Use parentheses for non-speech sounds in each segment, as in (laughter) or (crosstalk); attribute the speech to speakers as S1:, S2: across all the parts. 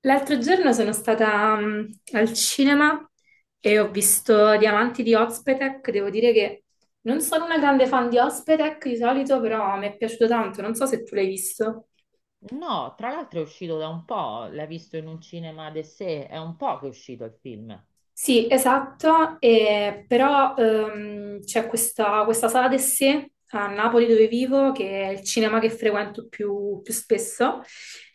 S1: L'altro giorno sono stata al cinema e ho visto Diamanti di Ozpetek. Devo dire che non sono una grande fan di Ozpetek di solito, però mi è piaciuto tanto. Non so se tu l'hai visto.
S2: No, tra l'altro è uscito da un po', l'hai visto in un cinema de sé, è un po' che è uscito il film.
S1: Sì, esatto, però c'è questa sala del sé a Napoli dove vivo, che è il cinema che frequento più spesso,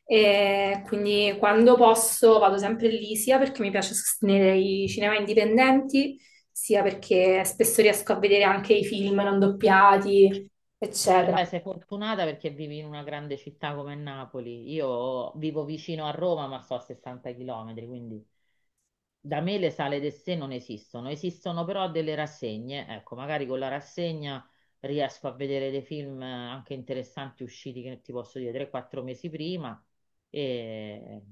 S1: e quindi quando posso vado sempre lì, sia perché mi piace sostenere i cinema indipendenti, sia perché spesso riesco a vedere anche i film non doppiati, eccetera.
S2: Vabbè, sei fortunata perché vivi in una grande città come Napoli. Io vivo vicino a Roma, ma sto a 60 km, quindi. Da me le sale del sé non esistono, esistono però delle rassegne, ecco, magari con la rassegna riesco a vedere dei film anche interessanti usciti, che ti posso dire, 3-4 mesi prima e,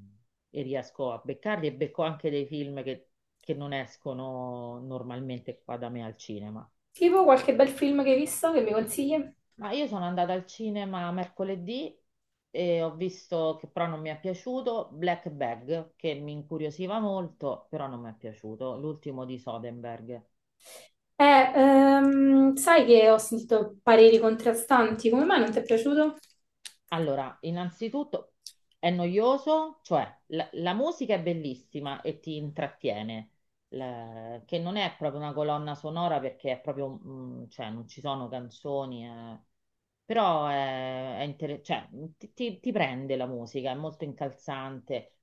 S2: e riesco a beccarli e becco anche dei film che non escono normalmente qua da me al cinema.
S1: Tipo qualche bel film che hai visto che mi consigli?
S2: Ma io sono andata al cinema mercoledì e ho visto che però non mi è piaciuto Black Bag, che mi incuriosiva molto, però non mi è piaciuto, l'ultimo di Soderbergh.
S1: Eh, Sai che ho sentito pareri contrastanti, come mai non ti è piaciuto?
S2: Allora, innanzitutto è noioso, cioè la musica è bellissima e ti intrattiene, che non è proprio una colonna sonora perché è proprio, cioè non ci sono canzoni, però è cioè, ti prende la musica, è molto incalzante.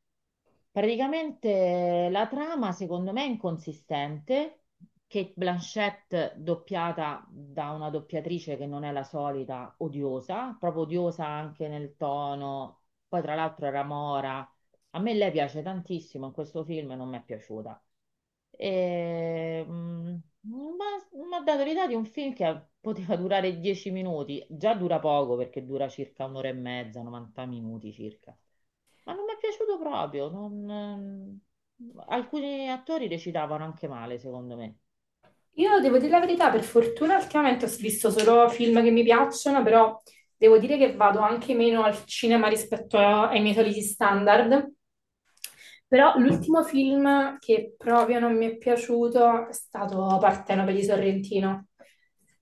S2: Praticamente la trama secondo me è inconsistente, che Blanchett doppiata da una doppiatrice che non è la solita, odiosa, proprio odiosa anche nel tono, poi tra l'altro era mora, a me lei piace tantissimo, in questo film non mi è piaciuta. E, mm, ma mi ha dato l'idea di un film che poteva durare 10 minuti, già dura poco perché dura circa un'ora e mezza, 90 minuti circa. Ma non mi è piaciuto proprio. Non, Alcuni attori recitavano anche male, secondo me.
S1: Io devo dire la verità, per fortuna ultimamente ho visto solo film che mi piacciono, però devo dire che vado anche meno al cinema rispetto ai miei soliti standard. Però l'ultimo film che proprio non mi è piaciuto è stato Partenope di Sorrentino.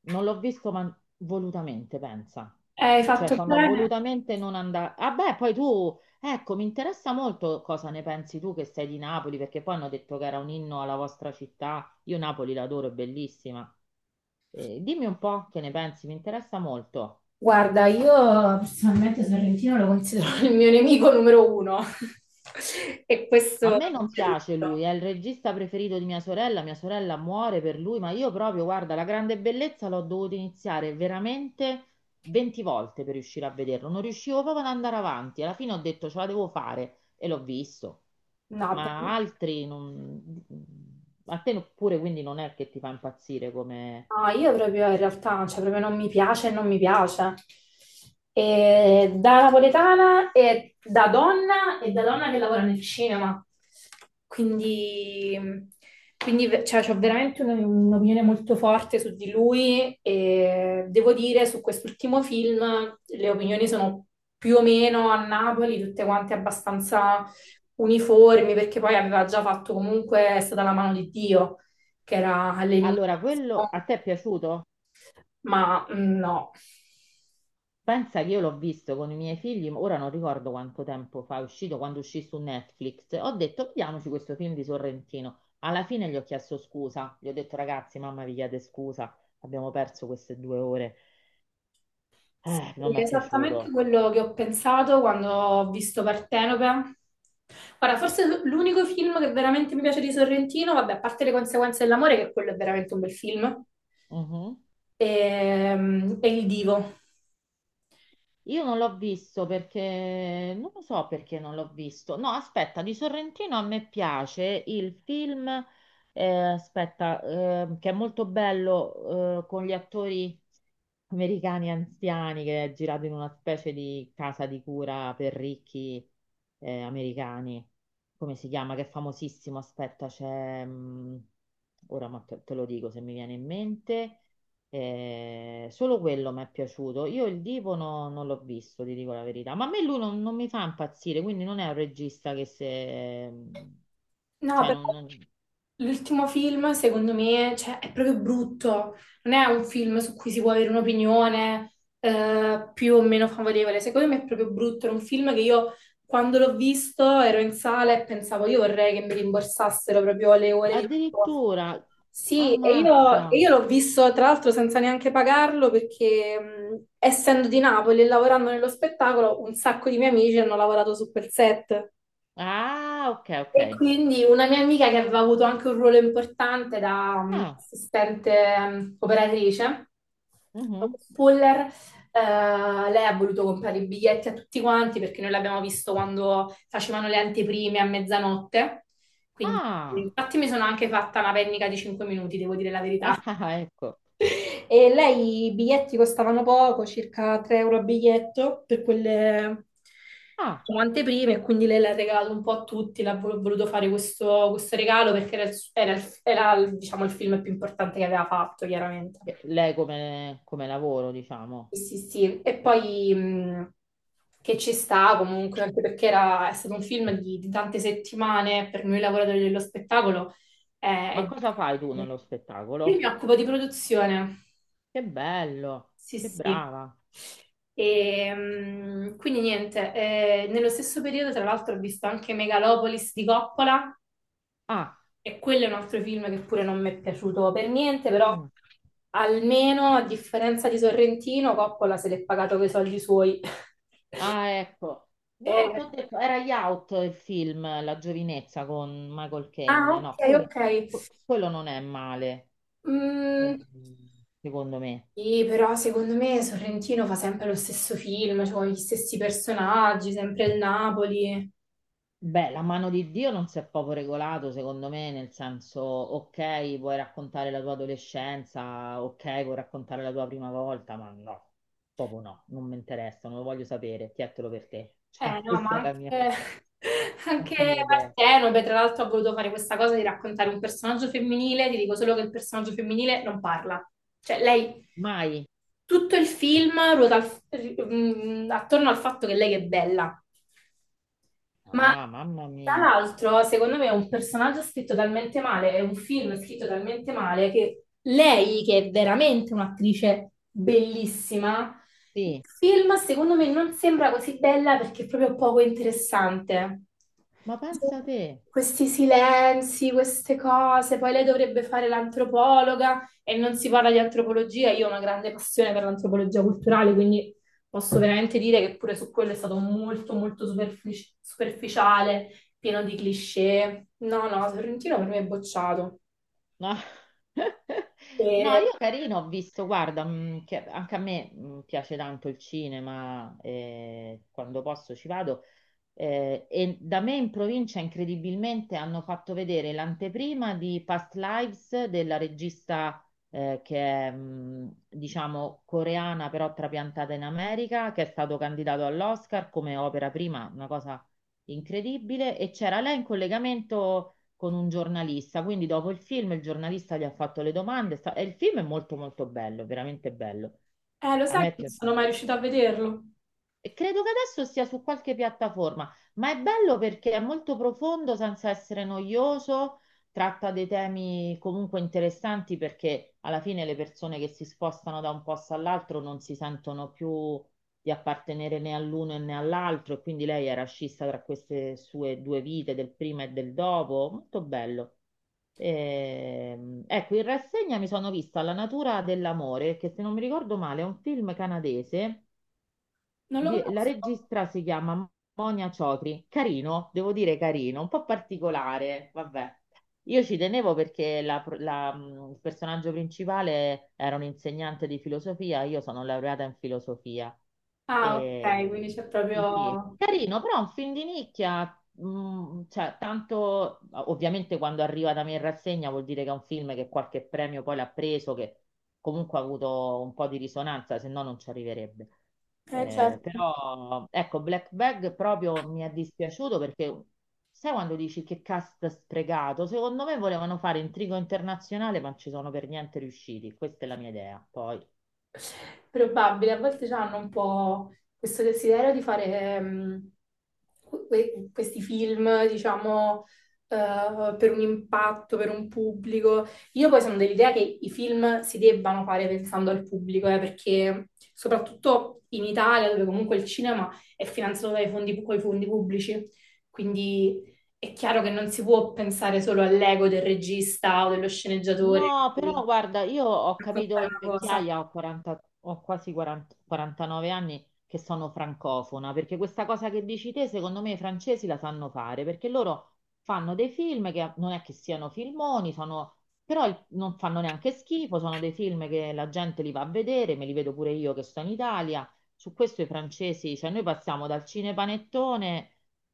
S2: Non l'ho visto, ma volutamente, pensa.
S1: Hai
S2: Cioè,
S1: fatto
S2: sono
S1: bene?
S2: volutamente non andare. Ah, beh, poi tu, ecco, mi interessa molto cosa ne pensi tu che sei di Napoli, perché poi hanno detto che era un inno alla vostra città. Io Napoli l'adoro, è bellissima. Dimmi un po' che ne pensi, mi interessa molto.
S1: Guarda, io personalmente Sorrentino lo considero (laughs) il mio nemico numero uno. (laughs) E
S2: A
S1: questo
S2: me non
S1: c'è
S2: piace lui,
S1: tutto.
S2: è il regista preferito di mia sorella muore per lui, ma io proprio, guarda, La grande bellezza l'ho dovuto iniziare veramente 20 volte per riuscire a vederlo, non riuscivo proprio ad andare avanti, alla fine ho detto ce la devo fare e l'ho visto,
S1: No, per me.
S2: ma altri non... A te pure quindi non è che ti fa impazzire come...
S1: No, io proprio in realtà, cioè proprio non mi piace e non mi piace. E da napoletana e da donna che lavora nel cinema. Quindi, cioè, ho veramente un'opinione molto forte su di lui e devo dire su quest'ultimo film le opinioni sono più o meno a Napoli, tutte quante abbastanza uniformi, perché poi aveva già fatto comunque, è stata la mano di Dio che era all'inizio.
S2: Allora, quello a te è piaciuto?
S1: Ma no,
S2: Pensa che io l'ho visto con i miei figli, ora non ricordo quanto tempo fa, è uscito quando uscì su Netflix. Ho detto, vediamoci questo film di Sorrentino. Alla fine gli ho chiesto scusa, gli ho detto, ragazzi, mamma vi chiede scusa, abbiamo perso queste 2 ore.
S1: sì,
S2: Non mi è
S1: esattamente
S2: piaciuto.
S1: quello che ho pensato quando ho visto Partenope. Guarda, forse l'unico film che veramente mi piace di Sorrentino, vabbè, a parte le conseguenze dell'amore, che quello è veramente un bel film,
S2: Mhm.
S1: è Il Divo.
S2: Io non l'ho visto perché non lo so perché non l'ho visto. No, aspetta, di Sorrentino a me piace il film, eh, aspetta, che è molto bello, con gli attori americani anziani che è girato in una specie di casa di cura per ricchi, americani. Come si chiama? Che è famosissimo. Aspetta, c'è. Ora ma te lo dico se mi viene in mente. Solo quello mi è piaciuto. Io il Divo non l'ho visto, ti dico la verità. Ma a me lui non mi fa impazzire, quindi non è un regista che se...
S1: No,
S2: Cioè,
S1: però l'ultimo film, secondo me, cioè, è proprio brutto. Non è un film su cui si può avere un'opinione più o meno favorevole. Secondo me è proprio brutto. Era un film che io, quando l'ho visto, ero in sala e pensavo, io vorrei che mi rimborsassero proprio le ore di lavoro.
S2: addirittura.
S1: Sì, e io, e
S2: Ammazza.
S1: io l'ho visto tra l'altro senza neanche pagarlo perché essendo di Napoli e lavorando nello spettacolo, un sacco di miei amici hanno lavorato su quel set.
S2: Ah, ok, ok.
S1: E quindi una mia amica che aveva avuto anche un ruolo importante da
S2: Ah,
S1: assistente operatrice,
S2: mhm.
S1: Puller, eh, lei ha voluto comprare i biglietti a tutti quanti perché noi l'abbiamo visto quando facevano le anteprime a mezzanotte. Quindi,
S2: Ah,
S1: infatti, mi sono anche fatta una pennica di 5 minuti, devo dire la
S2: (laughs)
S1: verità.
S2: ah, ah, ecco.
S1: E lei i biglietti costavano poco, circa 3 euro a biglietto per quelle
S2: Ah,
S1: diciamo, anteprime, e quindi lei l'ha regalato un po' a tutti, l'ha voluto fare questo, regalo perché diciamo, il film più importante che aveva fatto, chiaramente.
S2: lei come lavoro, diciamo.
S1: Sì, sì, sì. E poi che ci sta comunque, anche perché è stato un film di tante settimane per noi lavoratori dello spettacolo. eh,
S2: Ma
S1: è-
S2: cosa fai tu nello
S1: Io mi
S2: spettacolo?
S1: occupo di produzione.
S2: Che bello,
S1: Sì,
S2: che
S1: sì.
S2: brava.
S1: E, quindi niente, nello stesso periodo tra l'altro ho visto anche Megalopolis di Coppola
S2: Ah.
S1: e quello è un altro film che pure non mi è piaciuto per niente, però
S2: Mm.
S1: almeno a differenza di Sorrentino, Coppola se l'è pagato con i soldi suoi. (laughs)
S2: Ah, ecco. No,
S1: Eh,
S2: ti ho detto, era Youth il film, La giovinezza con Michael
S1: ah,
S2: Caine.
S1: ok,
S2: No, quello,
S1: ok.
S2: quello non è male,
S1: Mm,
S2: ehm, secondo me.
S1: sì, però secondo me Sorrentino fa sempre lo stesso film, cioè con gli stessi personaggi, sempre il Napoli.
S2: Beh, La mano di Dio non si è proprio regolato, secondo me, nel senso, ok, puoi raccontare la tua adolescenza, ok, puoi raccontare la tua prima volta, ma no, proprio no, non mi interessa, non lo voglio sapere, chiettelo per te.
S1: Eh
S2: Cioè, (laughs)
S1: no, ma
S2: questa è la mia,
S1: anche, (laughs)
S2: è la
S1: anche
S2: mia idea.
S1: Partenope, tra l'altro, ha voluto fare questa cosa di raccontare un personaggio femminile, ti dico solo che il personaggio femminile non parla. Cioè, lei,
S2: Mai.
S1: tutto il film ruota attorno al fatto che lei è bella. Ma
S2: Ah, mamma
S1: tra
S2: mia.
S1: l'altro, secondo me, è un personaggio scritto talmente male, è un film scritto talmente male che lei, che è veramente un'attrice bellissima, il
S2: Sì,
S1: film secondo me non sembra così bella perché è proprio poco interessante.
S2: ma pensa te.
S1: Questi silenzi, queste cose, poi lei dovrebbe fare l'antropologa e non si parla di antropologia. Io ho una grande passione per l'antropologia culturale, quindi posso veramente dire che pure su quello è stato molto, molto superficiale, pieno di cliché. No, no, Sorrentino per me è bocciato.
S2: No, (laughs) no,
S1: E,
S2: io carino ho visto, guarda, che anche a me piace tanto il cinema, e quando posso ci vado. E da me in provincia incredibilmente hanno fatto vedere l'anteprima di Past Lives della regista che è, diciamo, coreana però trapiantata in America, che è stato candidato all'Oscar come opera prima, una cosa incredibile. E c'era lei in collegamento con un giornalista, quindi dopo il film il giornalista gli ha fatto le domande e il film è molto molto bello, veramente bello.
S1: lo
S2: A
S1: sai
S2: me
S1: che
S2: è
S1: non sono mai
S2: piaciuto.
S1: riuscita a vederlo?
S2: E credo che adesso sia su qualche piattaforma, ma è bello perché è molto profondo senza essere noioso, tratta dei temi comunque interessanti perché alla fine le persone che si spostano da un posto all'altro non si sentono più di appartenere né all'uno né all'altro e quindi lei era scissa tra queste sue due vite, del prima e del dopo, molto bello. Ecco, in rassegna mi sono vista La natura dell'amore, che se non mi ricordo male è un film canadese
S1: Non lo
S2: la
S1: conosco.
S2: regista si chiama Monia Ciotri, carino, devo dire carino, un po' particolare, vabbè. Io ci tenevo perché il personaggio principale era un insegnante di filosofia, io sono laureata in filosofia.
S1: Ah, ok,
S2: E,
S1: quindi c'è
S2: sì, sì.
S1: proprio.
S2: Carino, però è un film di nicchia, cioè, tanto ovviamente quando arriva da me in rassegna vuol dire che è un film che qualche premio poi l'ha preso, che comunque ha avuto un po' di risonanza, se no non ci arriverebbe.
S1: Certo.
S2: Però ecco, Black Bag proprio mi è dispiaciuto perché sai quando dici che cast sprecato? Secondo me volevano fare intrigo internazionale, ma non ci sono per niente riusciti. Questa è la mia idea. Poi...
S1: Probabile, a volte hanno un po' questo desiderio di fare ehm, questi film, diciamo, per un impatto, per un pubblico. Io poi sono dell'idea che i film si debbano fare pensando al pubblico, perché soprattutto in Italia, dove comunque il cinema è finanziato dai fondi, coi fondi pubblici, quindi è chiaro che non si può pensare solo all'ego del regista o dello sceneggiatore
S2: No,
S1: per
S2: però guarda, io ho capito
S1: raccontare
S2: in
S1: una cosa.
S2: vecchiaia, ho 40, ho quasi 40, 49 anni, che sono francofona, perché questa cosa che dici te, secondo me i francesi la sanno fare, perché loro fanno dei film che non è che siano filmoni, sono, però non fanno neanche schifo, sono dei film che la gente li va a vedere, me li vedo pure io che sto in Italia. Su questo i francesi, cioè noi passiamo dal cinepanettone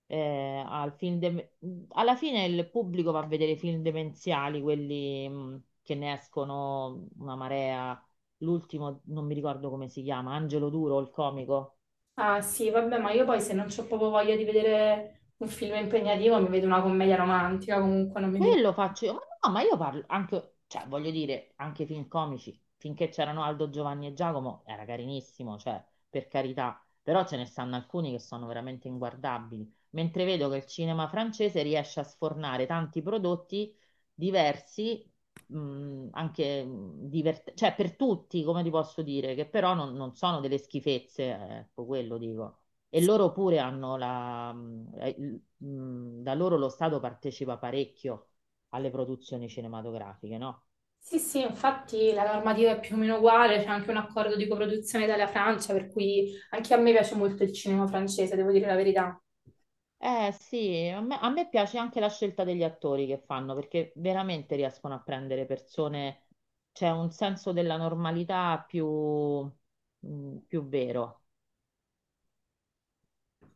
S2: eh, al film de- alla fine il pubblico va a vedere i film demenziali, quelli che ne escono una marea. L'ultimo, non mi ricordo come si chiama, Angelo Duro, il comico.
S1: Ah sì, vabbè, ma io poi se non ho proprio voglia di vedere un film impegnativo, mi vedo una commedia romantica, comunque non mi vedo.
S2: E lo faccio io, ma no, ma io parlo anche, cioè voglio dire, anche i film comici, finché c'erano Aldo, Giovanni e Giacomo, era carinissimo, cioè, per carità, però ce ne stanno alcuni che sono veramente inguardabili, mentre vedo che il cinema francese riesce a sfornare tanti prodotti diversi, anche divertenti, cioè per tutti, come ti posso dire, che però non sono delle schifezze, ecco, quello dico. E loro pure hanno da loro lo Stato partecipa parecchio alle produzioni cinematografiche, no?
S1: Sì, sì, infatti la normativa è più o meno uguale, c'è anche un accordo di coproduzione Italia-Francia, per cui anche a me piace molto il cinema francese, devo dire la verità.
S2: Eh sì, a me piace anche la scelta degli attori che fanno perché veramente riescono a prendere persone, c'è un senso della normalità più, più vero.